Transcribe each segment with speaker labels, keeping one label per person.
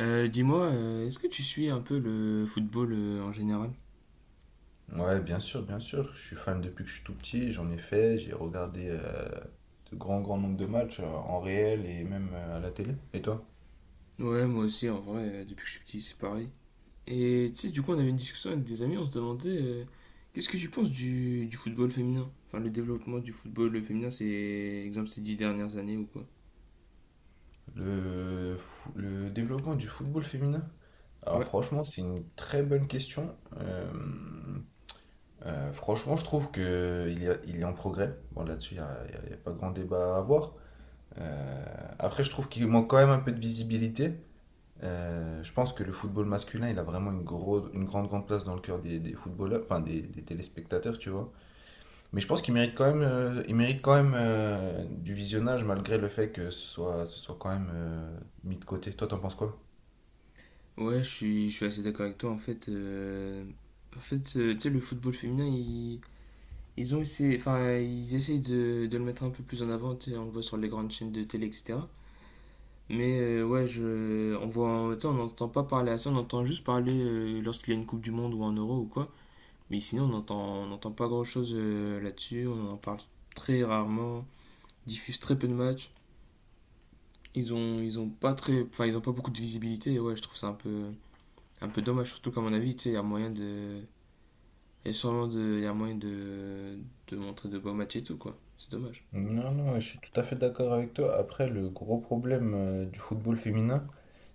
Speaker 1: Dis-moi, est-ce que tu suis un peu le football en général?
Speaker 2: Ouais, bien sûr, bien sûr. Je suis fan depuis que je suis tout petit. J'en ai fait. J'ai regardé de grands, grands nombres de matchs en réel et même à la télé. Et toi?
Speaker 1: Ouais, moi aussi, en vrai, depuis que je suis petit, c'est pareil. Et tu sais, du coup, on avait une discussion avec des amis, on se demandait qu'est-ce que tu penses du football féminin? Enfin, le développement du football féminin, c'est, exemple, ces 10 dernières années ou quoi?
Speaker 2: Le développement du football féminin? Alors
Speaker 1: Ouais.
Speaker 2: franchement, c'est une très bonne question. Franchement, je trouve que il est en progrès. Bon, là-dessus, il n'y a, il y a- il y a pas grand débat à avoir. Euh, Après, je trouve qu'il manque quand même un peu de visibilité. Je pense que le football masculin, il a vraiment une grosse, une grande, grande place dans le cœur des footballeurs, enfin des téléspectateurs, tu vois. Mais je pense qu'il mérite quand même, il mérite quand même du visionnage malgré le fait que ce soit quand même mis de côté. Toi, t'en penses quoi?
Speaker 1: Ouais, je suis assez d'accord avec toi, en fait. En fait, tu sais, le football féminin, ils ont essayé, enfin, ils essayent de le mettre un peu plus en avant, tu sais, on le voit sur les grandes chaînes de télé, etc. Mais ouais, on voit, tu sais, on n'entend pas parler à ça, on entend juste parler lorsqu'il y a une Coupe du Monde ou un Euro ou quoi. Mais sinon, on n'entend pas grand-chose là-dessus, on en parle très rarement, diffuse très peu de matchs. Ils ont pas très, enfin, ils ont pas beaucoup de visibilité. Et ouais, je trouve ça un peu dommage, surtout qu'à mon avis, tu sais, il y a moyen de montrer de beaux matchs et tout quoi. C'est dommage.
Speaker 2: Non, non, je suis tout à fait d'accord avec toi. Après, le gros problème du football féminin,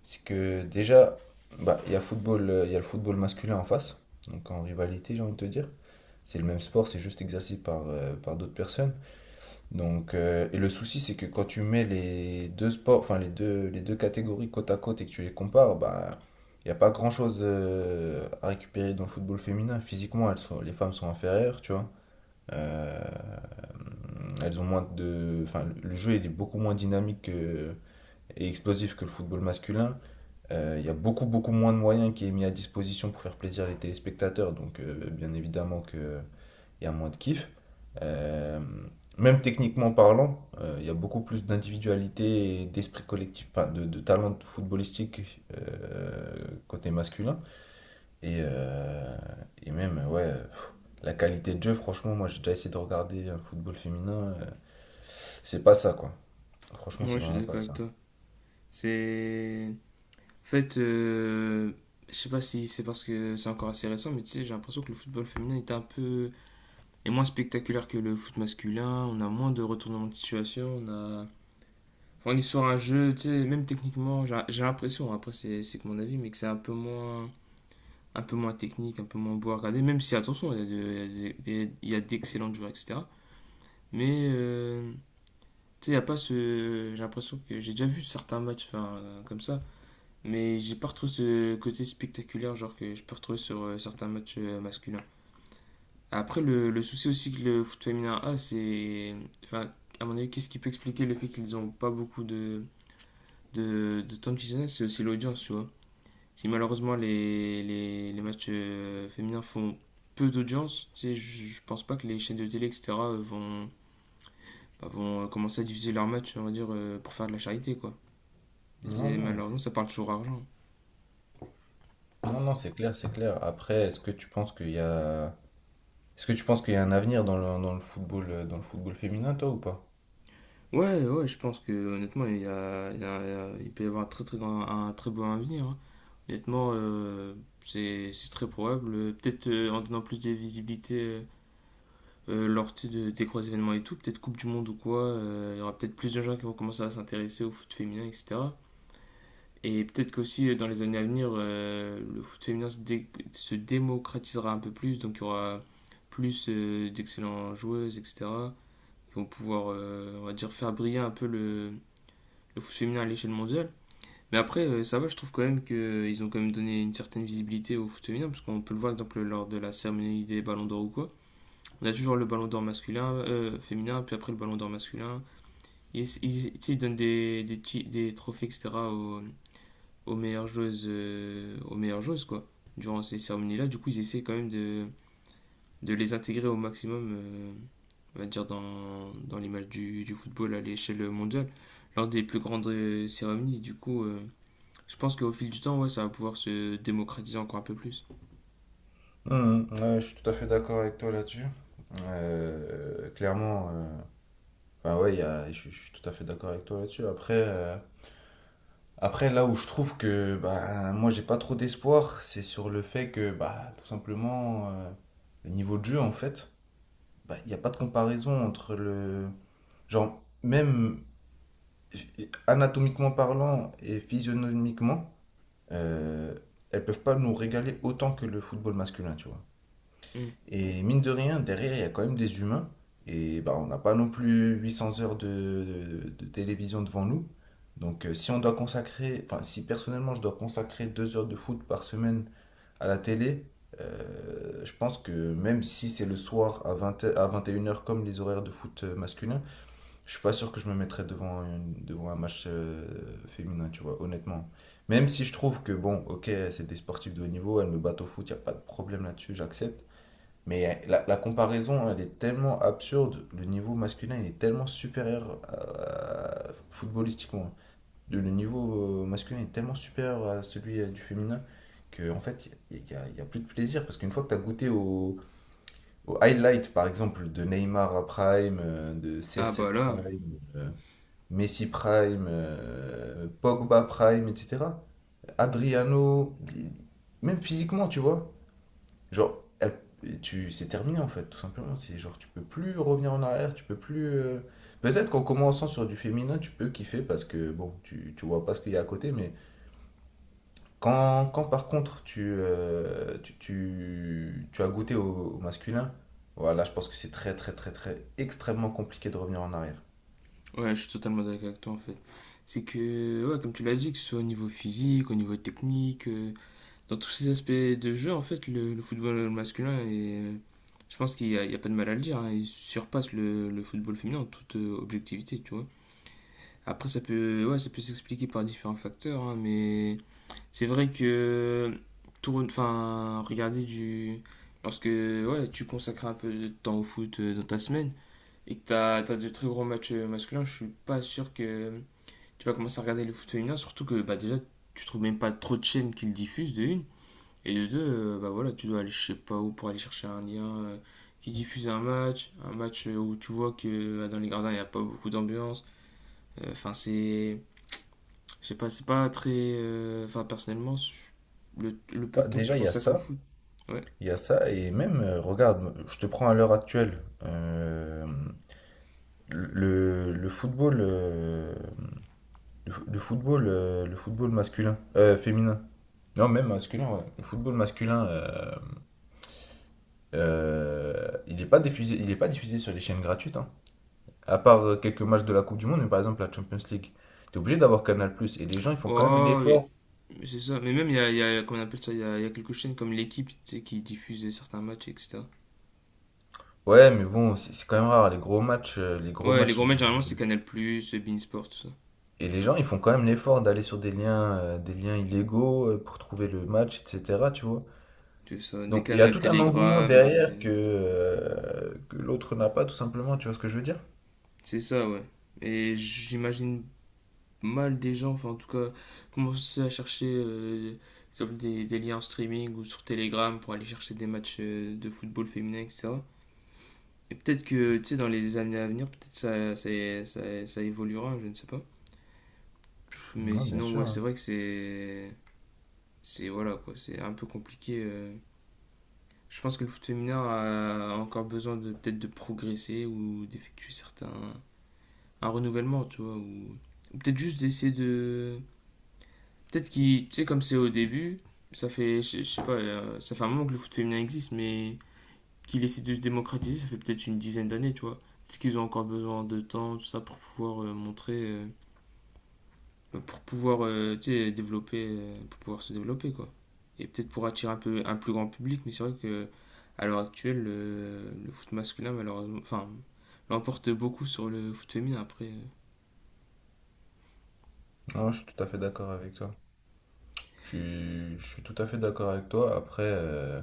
Speaker 2: c'est que déjà, bah, il y a le football masculin en face, donc en rivalité, j'ai envie de te dire. C'est le même sport, c'est juste exercé par d'autres personnes. Donc, et le souci, c'est que quand tu mets les deux sports, enfin les deux catégories côte à côte et que tu les compares, bah, il n'y a pas grand-chose à récupérer dans le football féminin. Physiquement, les femmes sont inférieures, tu vois. Euh, elles ont moins de, enfin, le jeu il est beaucoup moins dynamique et explosif que le football masculin. Il y a beaucoup, beaucoup moins de moyens qui est mis à disposition pour faire plaisir les téléspectateurs, donc bien évidemment que il y a moins de kiff. Euh, Même techniquement parlant, il y a beaucoup plus d'individualité et d'esprit collectif, enfin de talent footballistique côté masculin. Et, euh, et même, ouais, la qualité de jeu, franchement, moi j'ai déjà essayé de regarder un football féminin, c'est pas ça quoi. Franchement,
Speaker 1: Ouais,
Speaker 2: c'est
Speaker 1: je suis
Speaker 2: vraiment pas
Speaker 1: d'accord avec
Speaker 2: ça.
Speaker 1: toi. C'est En fait, je sais pas si c'est parce que c'est encore assez récent, mais tu sais, j'ai l'impression que le football féminin est un peu est moins spectaculaire que le foot masculin. On a moins de retournements de situation. On a Enfin, on est sur un jeu, tu sais, même techniquement, j'ai l'impression. Après, c'est que mon avis, mais que c'est un peu moins technique, un peu moins beau à regarder. Même si attention, il y a d'excellents joueurs, etc. Mais tu sais, il y a pas ce. J'ai l'impression que j'ai déjà vu certains matchs, enfin, comme ça. Mais j'ai pas retrouvé ce côté spectaculaire, genre que je peux retrouver sur certains matchs masculins. Après, le souci aussi que le foot féminin a, c'est. Enfin, à mon avis, qu'est-ce qui peut expliquer le fait qu'ils n'ont pas beaucoup de temps de visionnage. C'est aussi l'audience, tu vois. Si malheureusement les matchs féminins font peu d'audience, tu sais, je pense pas que les chaînes de télé, etc., bah, vont commencer à diffuser leurs matchs, on va dire, pour faire de la charité, quoi.
Speaker 2: Non, non, ouais.
Speaker 1: Malheureusement, ça parle toujours argent.
Speaker 2: Non, non, c'est clair, c'est clair. Après, est-ce que tu penses qu'il y a... Est-ce que tu penses qu'il y a un avenir dans le football féminin, toi, ou pas?
Speaker 1: Ouais, ouais, je pense que honnêtement, il y a, il y a- il y a- il peut y avoir un très, très grand, un très beau avenir, hein. Honnêtement, c'est très probable. Peut-être en donnant plus de visibilité lors tu sais, des gros événements et tout, peut-être Coupe du Monde ou quoi, il y aura peut-être plus de gens qui vont commencer à s'intéresser au foot féminin, etc. Et peut-être qu'aussi dans les années à venir, le foot féminin se démocratisera un peu plus, donc il y aura plus d'excellentes joueuses, etc. Ils vont pouvoir, on va dire, faire briller un peu le foot féminin à l'échelle mondiale. Mais après, ça va, je trouve quand même qu'ils ont quand même donné une certaine visibilité au foot féminin, parce qu'on peut le voir, par exemple, lors de la cérémonie des ballons d'or ou quoi. On a toujours le ballon d'or masculin, féminin, puis après le ballon d'or masculin. Ils donnent des trophées, etc., aux meilleures joueuses, quoi, durant ces cérémonies-là. Du coup, ils essaient quand même de les intégrer au maximum, on va dire, dans l'image du football à l'échelle mondiale, lors des plus grandes cérémonies. Du coup, je pense qu'au fil du temps, ouais, ça va pouvoir se démocratiser encore un peu plus.
Speaker 2: Ouais, je suis tout à fait d'accord avec toi là-dessus. Clairement, enfin ouais, je suis tout à fait d'accord avec toi là-dessus. Après là où je trouve que bah, moi j'ai pas trop d'espoir, c'est sur le fait que bah, tout simplement le niveau de jeu en fait, bah, il n'y a pas de comparaison entre le genre même anatomiquement parlant et physionomiquement, euh, elles peuvent pas nous régaler autant que le football masculin, tu vois.
Speaker 1: Mm.
Speaker 2: Et mine de rien, derrière, il y a quand même des humains. Et bah, on n'a pas non plus 800 heures de télévision devant nous. Donc, si on doit consacrer, enfin, si personnellement je dois consacrer 2 heures de foot par semaine à la télé, je pense que même si c'est le soir à 20 à 21 heures, comme les horaires de foot masculin, je suis pas sûr que je me mettrais devant un match féminin, tu vois, honnêtement. Même si je trouve que, bon, ok, c'est des sportifs de haut niveau, elles me battent au foot, il a pas de problème là-dessus, j'accepte. Mais la comparaison, elle est tellement absurde. Le niveau masculin, il est tellement supérieur footballistiquement. Le niveau masculin est tellement supérieur à celui du féminin que, en fait, il n'y a, y a- y a plus de plaisir. Parce qu'une fois que tu as goûté au highlight, par exemple, de Neymar à Prime, de
Speaker 1: Ah bah
Speaker 2: CR7
Speaker 1: là,
Speaker 2: Prime, Messi Prime, Pogba Prime, etc. Adriano, même physiquement, tu vois. Genre, c'est terminé en fait, tout simplement. C'est genre, tu peux plus revenir en arrière, tu peux plus. Peut-être qu'en commençant sur du féminin, tu peux kiffer parce que bon, tu vois pas ce qu'il y a à côté, mais quand par contre tu as goûté au masculin, voilà, je pense que c'est très, très, très, très extrêmement compliqué de revenir en arrière.
Speaker 1: ouais, je suis totalement d'accord avec toi en fait. C'est que, ouais, comme tu l'as dit, que ce soit au niveau physique, au niveau technique, dans tous ces aspects de jeu, en fait, le football masculin est. Je pense il y a pas de mal à le dire, hein, il surpasse le football féminin en toute objectivité, tu vois. Après, ouais, ça peut s'expliquer par différents facteurs, hein, mais c'est vrai que enfin, lorsque ouais, tu consacres un peu de temps au foot dans ta semaine et que t'as as de très gros matchs masculins, je suis pas sûr que tu vas commencer à regarder le foot féminin, surtout que bah déjà tu trouves même pas trop de chaînes qui le diffusent de une et de deux, bah voilà, tu dois aller je sais pas où pour aller chercher un lien qui diffuse un match où tu vois que dans les gradins il n'y a pas beaucoup d'ambiance. Enfin, c'est je sais pas, c'est pas très. Enfin, personnellement, le peu de
Speaker 2: Bah,
Speaker 1: temps que je
Speaker 2: déjà, il y a
Speaker 1: consacre au
Speaker 2: ça.
Speaker 1: foot. Ouais.
Speaker 2: Il y a ça, et même, regarde, je te prends à l'heure actuelle. euh, le, le football, euh, le football masculin, féminin. Non, même masculin, ouais. Le football masculin, il est pas diffusé sur les chaînes gratuites, hein. À part quelques matchs de la Coupe du Monde, mais par exemple la Champions League. T'es obligé d'avoir Canal+, et les gens, ils font quand même
Speaker 1: Oh, oui,
Speaker 2: l'effort.
Speaker 1: mais c'est ça. Mais même, comment on appelle ça, il y a quelques chaînes comme l'équipe, tu sais, qui diffusent certains matchs, etc.
Speaker 2: Ouais, mais bon, c'est quand même rare, les gros matchs, euh, les gros
Speaker 1: Ouais, les
Speaker 2: matchs
Speaker 1: gros matchs, généralement, c'est Canal+, Beansport, tout ça.
Speaker 2: Et les gens, ils font quand même l'effort d'aller sur des liens illégaux pour trouver le match, etc. Tu vois.
Speaker 1: C'est ça, des
Speaker 2: Donc il y a
Speaker 1: canals
Speaker 2: tout un engouement
Speaker 1: Telegram, des...
Speaker 2: derrière que l'autre n'a pas, tout simplement. Tu vois ce que je veux dire?
Speaker 1: C'est ça, ouais. Et j'imagine mal des gens, enfin, en tout cas, commencer à chercher comme des liens en streaming ou sur Telegram pour aller chercher des matchs de football féminin, etc. Et peut-être que, tu sais, dans les années à venir, peut-être ça évoluera, je ne sais pas. Mais
Speaker 2: Non, bien
Speaker 1: sinon,
Speaker 2: sûr.
Speaker 1: ouais, c'est
Speaker 2: hein.
Speaker 1: vrai que c'est. C'est voilà, quoi, c'est un peu compliqué. Je pense que le foot féminin a encore besoin de peut-être de progresser ou d'effectuer certains. Un renouvellement, tu vois, ou. Ou peut-être juste d'essayer de. Peut-être qu'il. Tu sais, comme c'est au début, ça fait. Je sais pas, ça fait un moment que le foot féminin existe, mais qu'il essaie de se démocratiser, ça fait peut-être une dizaine d'années, tu vois. Peut-être qu'ils ont encore besoin de temps, tout ça, pour pouvoir montrer, pour pouvoir, tu sais, développer, pour pouvoir se développer, quoi. Et peut-être pour attirer un peu un plus grand public, mais c'est vrai que à l'heure actuelle, le foot masculin, malheureusement, enfin, l'emporte beaucoup sur le foot féminin, après,
Speaker 2: Non, je suis tout à fait d'accord avec toi. Je suis tout à fait d'accord avec toi. Après, euh,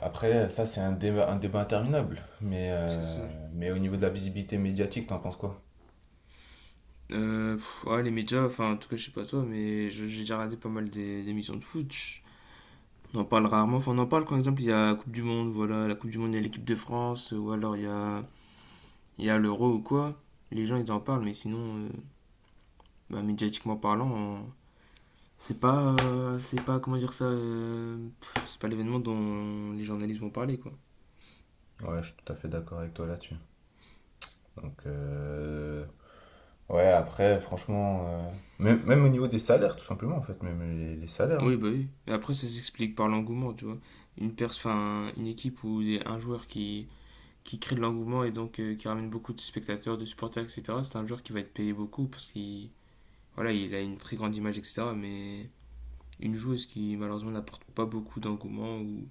Speaker 2: après ça, c'est un débat interminable. Mais,
Speaker 1: c'est ça.
Speaker 2: euh, mais au niveau de la visibilité médiatique, t'en penses quoi?
Speaker 1: Ouais, les médias, enfin, en tout cas, je sais pas toi, mais j'ai déjà regardé pas mal émissions de foot. On en parle rarement. Enfin, on en parle quand, par exemple, il y a la Coupe du Monde, voilà, la Coupe du Monde, il y a l'équipe de France, ou alors il y a l'Euro ou quoi. Les gens, ils en parlent, mais sinon, bah, médiatiquement parlant, c'est pas, comment dire ça, c'est pas l'événement dont les journalistes vont parler, quoi.
Speaker 2: Ouais, je suis tout à fait d'accord avec toi là-dessus. Donc, ouais, après, franchement, même, même au niveau des salaires, tout simplement, en fait, même les salaires, hein.
Speaker 1: Oui, bah oui. Et après, ça s'explique par l'engouement, tu vois. Enfin, une équipe ou un joueur qui crée de l'engouement et donc qui ramène beaucoup de spectateurs, de supporters, etc. C'est un joueur qui va être payé beaucoup parce qu'il, voilà, il a une très grande image, etc. Mais une joueuse qui malheureusement n'apporte pas beaucoup d'engouement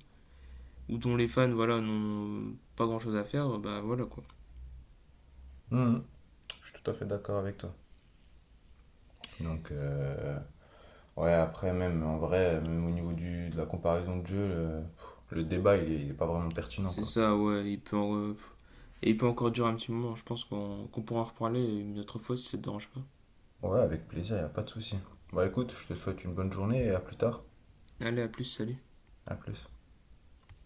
Speaker 1: ou dont les fans voilà n'ont pas grand chose à faire, bah voilà quoi.
Speaker 2: Mhm. Je suis tout à fait d'accord avec toi. Donc, ouais, après, même en vrai, même au niveau du, de la comparaison de jeu, le débat, il est pas vraiment pertinent,
Speaker 1: C'est
Speaker 2: quoi.
Speaker 1: ça, ouais, et il peut encore durer un petit moment, je pense qu'on pourra en reparler une autre fois si ça te dérange pas.
Speaker 2: Ouais, avec plaisir, y a pas de souci. Bon, écoute, je te souhaite une bonne journée et à plus tard.
Speaker 1: Allez, à plus, salut.
Speaker 2: À plus.